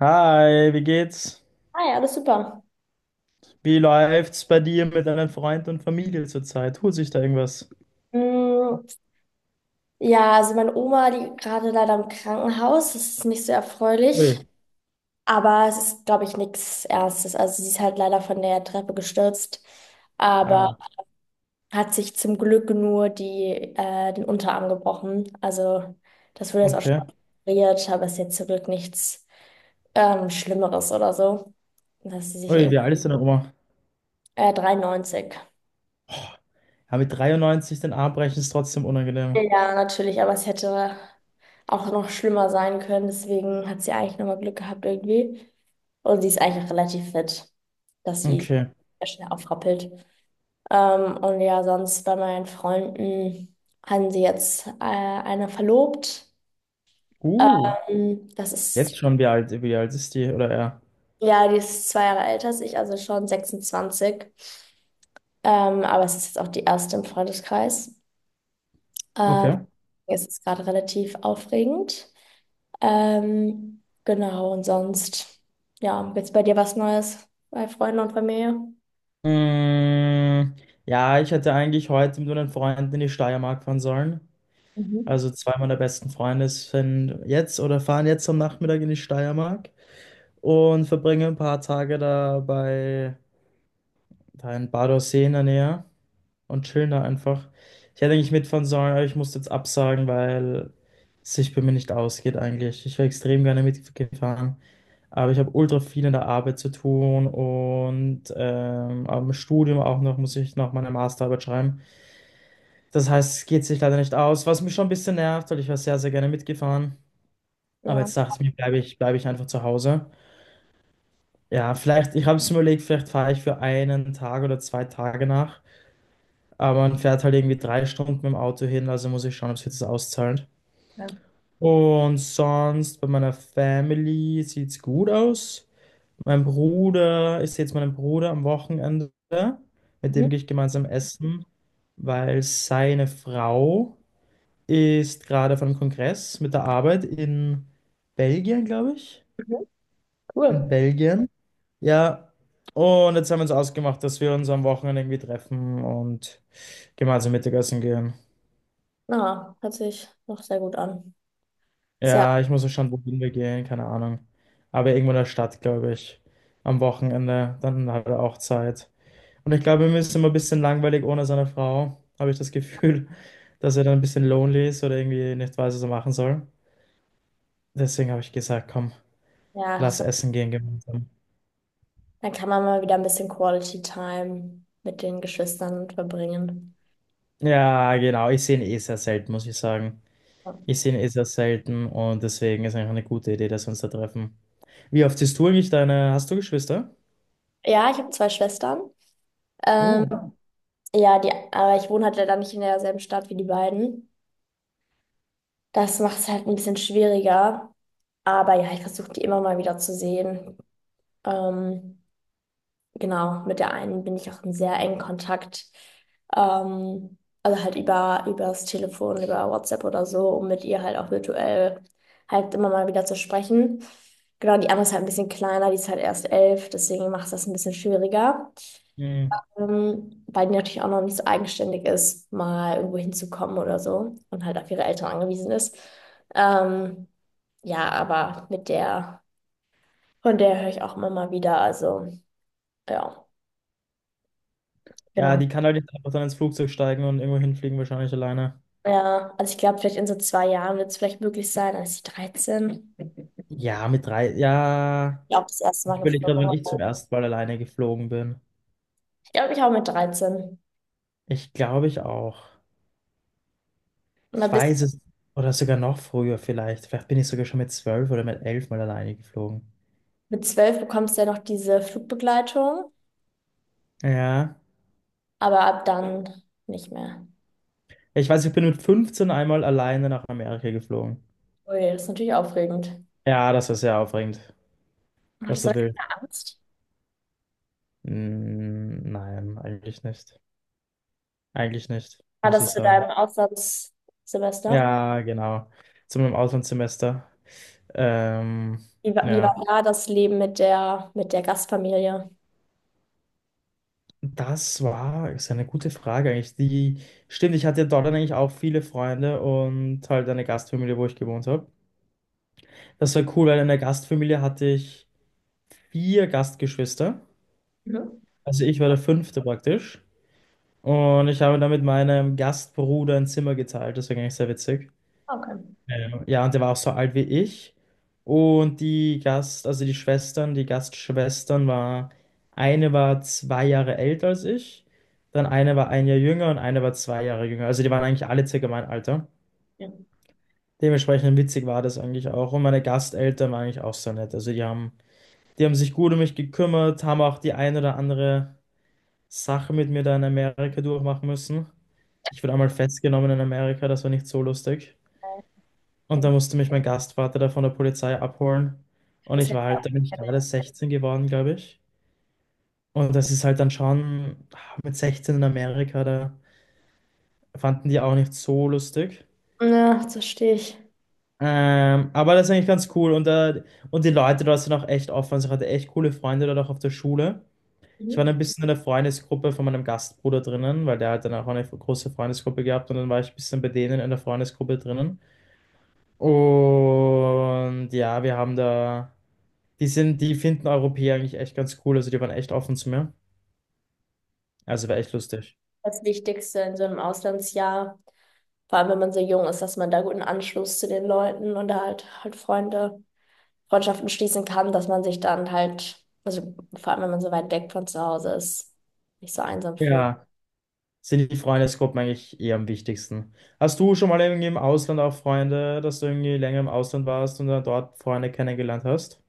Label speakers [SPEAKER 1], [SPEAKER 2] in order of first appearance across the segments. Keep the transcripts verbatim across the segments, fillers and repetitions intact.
[SPEAKER 1] Hi, wie geht's?
[SPEAKER 2] Ah ja, alles super.
[SPEAKER 1] Wie läuft's bei dir mit deinen Freunden und Familie zurzeit? Tut sich da irgendwas?
[SPEAKER 2] Mm. Ja, also meine Oma, die gerade leider im Krankenhaus, das ist nicht so erfreulich,
[SPEAKER 1] Ui.
[SPEAKER 2] aber es ist, glaube ich, nichts Ernstes. Also sie ist halt leider von der Treppe gestürzt, aber
[SPEAKER 1] Ah,
[SPEAKER 2] hat sich zum Glück nur die, äh, den Unterarm gebrochen. Also das wurde jetzt auch schon
[SPEAKER 1] okay.
[SPEAKER 2] operiert, aber es ist jetzt zum Glück nichts ähm, Schlimmeres oder so. Dass sie
[SPEAKER 1] Ui,
[SPEAKER 2] sich
[SPEAKER 1] wie alt ist deine Oma?
[SPEAKER 2] äh, dreiundneunzig.
[SPEAKER 1] Oh, ja, mit dreiundneunzig den Arm brechen ist trotzdem unangenehm.
[SPEAKER 2] Ja, natürlich, aber es hätte auch noch schlimmer sein können. Deswegen hat sie eigentlich nochmal Glück gehabt irgendwie. Und sie ist eigentlich auch relativ fit, dass sie
[SPEAKER 1] Okay.
[SPEAKER 2] sehr schnell aufrappelt. Ähm, und ja, sonst bei meinen Freunden haben sie jetzt äh, eine verlobt.
[SPEAKER 1] Uh,
[SPEAKER 2] Ähm, das
[SPEAKER 1] Jetzt
[SPEAKER 2] ist,
[SPEAKER 1] schon wie alt, wie alt ist die oder er?
[SPEAKER 2] ja, die ist zwei Jahre älter als ich, also schon sechsundzwanzig. Ähm, aber es ist jetzt auch die erste im Freundeskreis. Ähm,
[SPEAKER 1] Okay.
[SPEAKER 2] es ist gerade relativ aufregend. Ähm, genau, und sonst, ja, gibt's bei dir was Neues bei Freunden und Familie?
[SPEAKER 1] Mm, ja, ich hätte eigentlich heute mit meinen Freunden in die Steiermark fahren sollen.
[SPEAKER 2] Mhm.
[SPEAKER 1] Also zwei meiner besten Freunde sind jetzt oder fahren jetzt am Nachmittag in die Steiermark und verbringe ein paar Tage da bei da in Badersee in der Nähe und chillen da einfach. Ich hätte eigentlich mitfahren sollen, aber ich musste jetzt absagen, weil es sich bei mir nicht ausgeht eigentlich. Ich wäre extrem gerne mitgefahren, aber ich habe ultra viel in der Arbeit zu tun und ähm, am Studium auch noch muss ich noch meine Masterarbeit schreiben. Das heißt, es geht sich leider nicht aus, was mich schon ein bisschen nervt, weil ich wäre sehr, sehr gerne mitgefahren. Aber
[SPEAKER 2] Ja,
[SPEAKER 1] jetzt dachte ich mir, bleibe ich, bleibe ich einfach zu Hause. Ja, vielleicht, ich habe es mir überlegt, vielleicht fahre ich für einen Tag oder zwei Tage nach. Aber man fährt halt irgendwie drei Stunden mit dem Auto hin, also muss ich schauen, ob sich das auszahlt.
[SPEAKER 2] ja.
[SPEAKER 1] Und sonst bei meiner Family sieht's gut aus. Mein Bruder, ich sehe jetzt meinen Bruder am Wochenende. Mit
[SPEAKER 2] Mhm.
[SPEAKER 1] dem gehe ich gemeinsam essen, weil seine Frau ist gerade auf einem Kongress mit der Arbeit in Belgien, glaube ich.
[SPEAKER 2] Mhm.
[SPEAKER 1] In
[SPEAKER 2] Cool.
[SPEAKER 1] Belgien. Ja, und jetzt haben wir uns ausgemacht, dass wir uns am Wochenende irgendwie treffen und gemeinsam Mittagessen gehen.
[SPEAKER 2] Ja, hört sich noch sehr gut an. Ja,
[SPEAKER 1] Ja, ich muss ja schauen, wohin wir gehen, keine Ahnung. Aber irgendwo in der Stadt, glaube ich. Am Wochenende, dann hat er auch Zeit. Und ich glaube, ihm ist immer ein bisschen langweilig ohne seine Frau, habe ich das Gefühl, dass er dann ein bisschen lonely ist oder irgendwie nicht weiß, was er machen soll. Deswegen habe ich gesagt, komm,
[SPEAKER 2] ja,
[SPEAKER 1] lass
[SPEAKER 2] so,
[SPEAKER 1] essen gehen gemeinsam.
[SPEAKER 2] dann kann man mal wieder ein bisschen Quality Time mit den Geschwistern verbringen.
[SPEAKER 1] Ja, genau, ich sehe ihn eh sehr selten, muss ich sagen.
[SPEAKER 2] Ja.
[SPEAKER 1] Ich sehe ihn eh sehr selten und deswegen ist eigentlich eine gute Idee, dass wir uns da treffen. Wie oft siehst du eigentlich deine? Hast du Geschwister?
[SPEAKER 2] Ja, ich habe zwei Schwestern. Ähm,
[SPEAKER 1] Oh.
[SPEAKER 2] ja, die, aber ich wohne halt leider nicht in derselben Stadt wie die beiden. Das macht es halt ein bisschen schwieriger. Aber ja, ich versuche die immer mal wieder zu sehen. Ähm, Genau, mit der einen bin ich auch in sehr engen Kontakt. Ähm, also halt über, über das Telefon, über WhatsApp oder so, um mit ihr halt auch virtuell halt immer mal wieder zu sprechen. Genau, die andere ist halt ein bisschen kleiner, die ist halt erst elf, deswegen macht es das ein bisschen schwieriger.
[SPEAKER 1] Hm.
[SPEAKER 2] Ähm, weil die natürlich auch noch nicht so eigenständig ist, mal irgendwo hinzukommen oder so und halt auf ihre Eltern angewiesen ist. Ähm, ja, aber mit der, von der höre ich auch immer mal wieder, also ja,
[SPEAKER 1] Ja,
[SPEAKER 2] genau.
[SPEAKER 1] die kann halt nicht einfach dann ins Flugzeug steigen und irgendwo hinfliegen, wahrscheinlich alleine.
[SPEAKER 2] Ja, also ich glaube, vielleicht in so zwei Jahren wird es vielleicht möglich sein. Als ich dreizehn, ich
[SPEAKER 1] Ja, mit drei. Ja.
[SPEAKER 2] glaube, das erste Mal
[SPEAKER 1] Ich will
[SPEAKER 2] geflogen.
[SPEAKER 1] gerade, wenn ich zum ersten Mal alleine geflogen bin.
[SPEAKER 2] Ich glaube, ich auch mit dreizehn
[SPEAKER 1] Ich glaube ich auch.
[SPEAKER 2] Mal
[SPEAKER 1] Ich
[SPEAKER 2] bis
[SPEAKER 1] weiß es. Oder sogar noch früher vielleicht. Vielleicht bin ich sogar schon mit zwölf oder mit elf mal alleine geflogen.
[SPEAKER 2] mit zwölf bekommst du ja noch diese Flugbegleitung,
[SPEAKER 1] Ja.
[SPEAKER 2] aber ab dann nicht mehr.
[SPEAKER 1] Ich weiß, ich bin mit fünfzehn einmal alleine nach Amerika geflogen.
[SPEAKER 2] Ui, das ist natürlich aufregend.
[SPEAKER 1] Ja, das war sehr aufregend. Das
[SPEAKER 2] Hattest du
[SPEAKER 1] war
[SPEAKER 2] da
[SPEAKER 1] wild.
[SPEAKER 2] keine Angst?
[SPEAKER 1] Mm, nein, eigentlich nicht. Eigentlich nicht,
[SPEAKER 2] War
[SPEAKER 1] muss ich
[SPEAKER 2] das zu
[SPEAKER 1] sagen.
[SPEAKER 2] deinem Auslandssemester?
[SPEAKER 1] Ja, genau. Zu meinem Auslandssemester. Ähm,
[SPEAKER 2] Wie war, wie war
[SPEAKER 1] ja,
[SPEAKER 2] da das Leben mit der, mit der Gastfamilie?
[SPEAKER 1] das war, ist ja eine gute Frage eigentlich. Die, stimmt, ich hatte ja dort dann eigentlich auch viele Freunde und halt eine Gastfamilie, wo ich gewohnt habe. Das war cool, weil in der Gastfamilie hatte ich vier Gastgeschwister.
[SPEAKER 2] Mhm.
[SPEAKER 1] Also ich war der fünfte praktisch. Und ich habe dann mit meinem Gastbruder ein Zimmer geteilt. Das war eigentlich sehr witzig.
[SPEAKER 2] Okay.
[SPEAKER 1] Ähm, ja, und der war auch so alt wie ich. Und die Gast, also die Schwestern, die Gastschwestern war, eine war zwei Jahre älter als ich, dann eine war ein Jahr jünger und eine war zwei Jahre jünger. Also die waren eigentlich alle circa mein Alter.
[SPEAKER 2] Ja.
[SPEAKER 1] Dementsprechend witzig war das eigentlich auch. Und meine Gasteltern waren eigentlich auch so nett. Also die haben, die haben sich gut um mich gekümmert, haben auch die ein oder andere Sache mit mir da in Amerika durchmachen müssen. Ich wurde einmal festgenommen in Amerika, das war nicht so lustig. Und
[SPEAKER 2] Okay.
[SPEAKER 1] da musste mich mein Gastvater da von der Polizei abholen. Und
[SPEAKER 2] Das
[SPEAKER 1] ich
[SPEAKER 2] hätte
[SPEAKER 1] war
[SPEAKER 2] ich auch
[SPEAKER 1] halt, da bin ich gerade sechzehn geworden, glaube ich. Und das ist halt dann schon ah, mit sechzehn in Amerika, da fanden die auch nicht so lustig.
[SPEAKER 2] gerne. Ja, das verstehe ich.
[SPEAKER 1] Ähm, aber das ist eigentlich ganz cool. Und, da, und die Leute dort sind auch echt offen. Also ich hatte echt coole Freunde dort auch auf der Schule. Ich war dann ein bisschen in der Freundesgruppe von meinem Gastbruder drinnen, weil der hat dann auch eine große Freundesgruppe gehabt. Und dann war ich ein bisschen bei denen in der Freundesgruppe drinnen. Und ja, wir haben da. Die sind, die finden Europäer eigentlich echt ganz cool. Also die waren echt offen zu mir. Also war echt lustig.
[SPEAKER 2] Das Wichtigste in so einem Auslandsjahr, vor allem wenn man so jung ist, dass man da guten Anschluss zu den Leuten und da halt halt Freunde, Freundschaften schließen kann, dass man sich dann halt, also vor allem wenn man so weit weg von zu Hause ist, nicht so einsam fühlt.
[SPEAKER 1] Ja, sind die Freundesgruppen eigentlich eher am wichtigsten. Hast du schon mal irgendwie im Ausland auch Freunde, dass du irgendwie länger im Ausland warst und dann dort Freunde kennengelernt hast?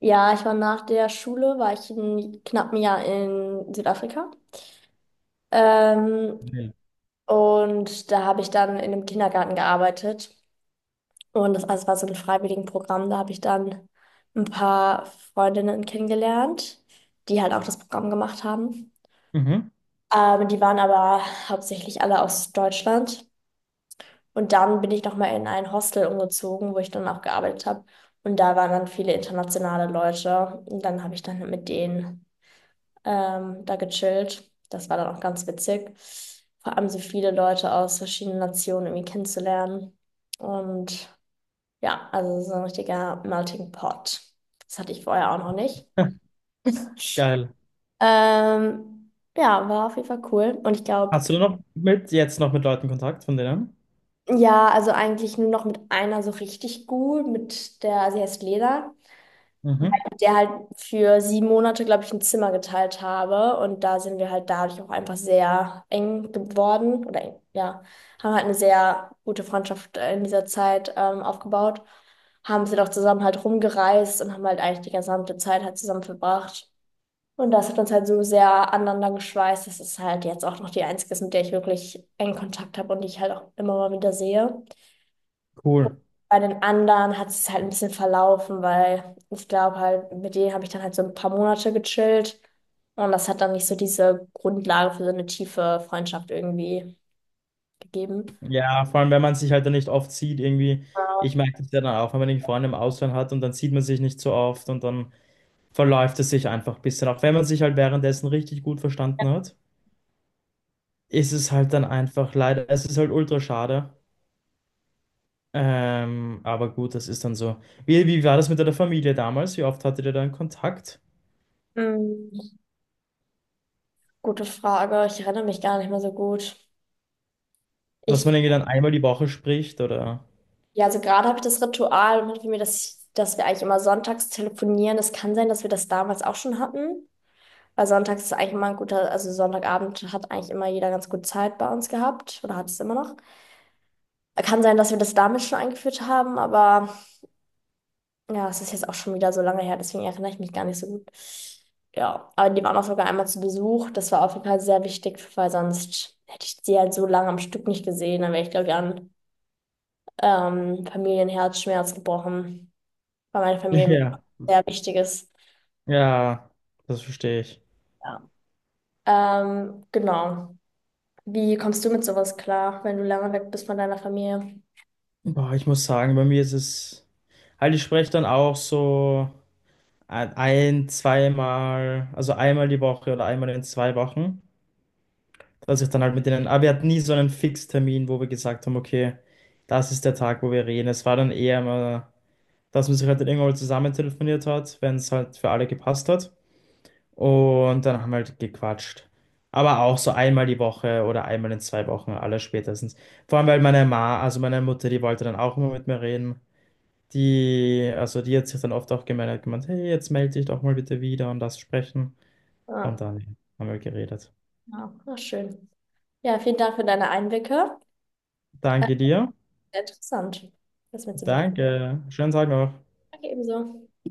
[SPEAKER 2] Ja, ich war nach der Schule, war ich ein knappen Jahr in Südafrika. Ähm,
[SPEAKER 1] Nee.
[SPEAKER 2] und da habe ich dann in einem Kindergarten gearbeitet. Und das alles war so ein Freiwilligenprogramm. Da habe ich dann ein paar Freundinnen kennengelernt, die halt auch das Programm gemacht haben.
[SPEAKER 1] Mhm.
[SPEAKER 2] Ähm, die waren aber hauptsächlich alle aus Deutschland. Und dann bin ich nochmal in ein Hostel umgezogen, wo ich dann auch gearbeitet habe. Und da waren dann viele internationale Leute. Und dann habe ich dann mit denen ähm, da gechillt. Das war dann auch ganz witzig. Vor allem so viele Leute aus verschiedenen Nationen irgendwie kennenzulernen. Und ja, also so ein richtiger Melting Pot. Das hatte ich vorher auch noch nicht.
[SPEAKER 1] Geil.
[SPEAKER 2] Ähm, ja, war auf jeden Fall cool. Und ich glaube,
[SPEAKER 1] Hast du noch mit jetzt noch mit Leuten Kontakt von denen?
[SPEAKER 2] ja, also eigentlich nur noch mit einer so richtig gut, mit der, sie heißt Lena,
[SPEAKER 1] Mhm.
[SPEAKER 2] mit der halt für sieben Monate, glaube ich, ein Zimmer geteilt habe. Und da sind wir halt dadurch auch einfach sehr eng geworden. Oder eng, ja, haben halt eine sehr gute Freundschaft äh, in dieser Zeit ähm, aufgebaut. Haben sie doch zusammen halt rumgereist und haben halt eigentlich die gesamte Zeit halt zusammen verbracht. Und das hat uns halt so sehr aneinander geschweißt. Das ist halt jetzt auch noch die einzige ist, mit der ich wirklich engen Kontakt habe und die ich halt auch immer mal wieder sehe.
[SPEAKER 1] Cool.
[SPEAKER 2] Bei den anderen hat es halt ein bisschen verlaufen, weil ich glaube halt, mit denen habe ich dann halt so ein paar Monate gechillt. Und das hat dann nicht so diese Grundlage für so eine tiefe Freundschaft irgendwie gegeben.
[SPEAKER 1] Ja, vor allem, wenn man sich halt dann nicht oft sieht, irgendwie, ich
[SPEAKER 2] Ja.
[SPEAKER 1] merke das ja dann auch, wenn man irgendwie Freunde im Ausland hat und dann sieht man sich nicht so oft und dann verläuft es sich einfach ein bisschen. Auch wenn man sich halt währenddessen richtig gut verstanden hat, ist es halt dann einfach leider, es ist halt ultra schade. Ähm, aber gut, das ist dann so. Wie, wie war das mit deiner Familie damals? Wie oft hattet ihr dann Kontakt?
[SPEAKER 2] Hm, gute Frage. Ich erinnere mich gar nicht mehr so gut.
[SPEAKER 1] Dass man
[SPEAKER 2] Ich
[SPEAKER 1] irgendwie dann einmal die Woche spricht oder?
[SPEAKER 2] Ja, also gerade habe ich das Ritual und für mir, dass, ich, dass wir eigentlich immer sonntags telefonieren. Es kann sein, dass wir das damals auch schon hatten. Weil sonntags ist eigentlich immer ein guter, also Sonntagabend hat eigentlich immer jeder ganz gut Zeit bei uns gehabt oder hat es immer noch. Kann sein, dass wir das damals schon eingeführt haben, aber ja, es ist jetzt auch schon wieder so lange her, deswegen erinnere ich mich gar nicht so gut. Ja, aber die waren auch sogar einmal zu Besuch. Das war auf jeden Fall sehr wichtig, weil sonst hätte ich sie halt so lange am Stück nicht gesehen. Dann wäre ich, glaube ich, an ähm, Familienherzschmerz gebrochen, weil meine Familie mir
[SPEAKER 1] Ja,
[SPEAKER 2] sehr wichtig ist.
[SPEAKER 1] ja, das verstehe ich.
[SPEAKER 2] Ja. Ähm, genau. Wie kommst du mit sowas klar, wenn du lange weg bist von deiner Familie?
[SPEAKER 1] Boah, ich muss sagen, bei mir ist es halt, ich spreche dann auch so ein, ein, zweimal, also einmal die Woche oder einmal in zwei Wochen. Dass ich dann halt mit denen, aber wir hatten nie so einen Fixtermin, wo wir gesagt haben, okay, das ist der Tag, wo wir reden. Es war dann eher immer, dass man sich halt dann irgendwann mal zusammen telefoniert hat, wenn es halt für alle gepasst hat. Und dann haben wir halt gequatscht. Aber auch so einmal die Woche oder einmal in zwei Wochen, alle spätestens. Vor allem, weil meine Ma, also meine Mutter, die wollte dann auch immer mit mir reden. Die, also die hat sich dann oft auch gemeldet, gemeint, hey, jetzt melde dich doch mal bitte wieder und das sprechen. Und
[SPEAKER 2] Ja,
[SPEAKER 1] dann haben wir geredet.
[SPEAKER 2] ja, na schön. Ja, vielen Dank für deine Einblicke. Äh,
[SPEAKER 1] Danke dir.
[SPEAKER 2] sehr interessant, das mitzubekommen. Ja,
[SPEAKER 1] Danke. Schönen Tag noch.
[SPEAKER 2] danke ebenso.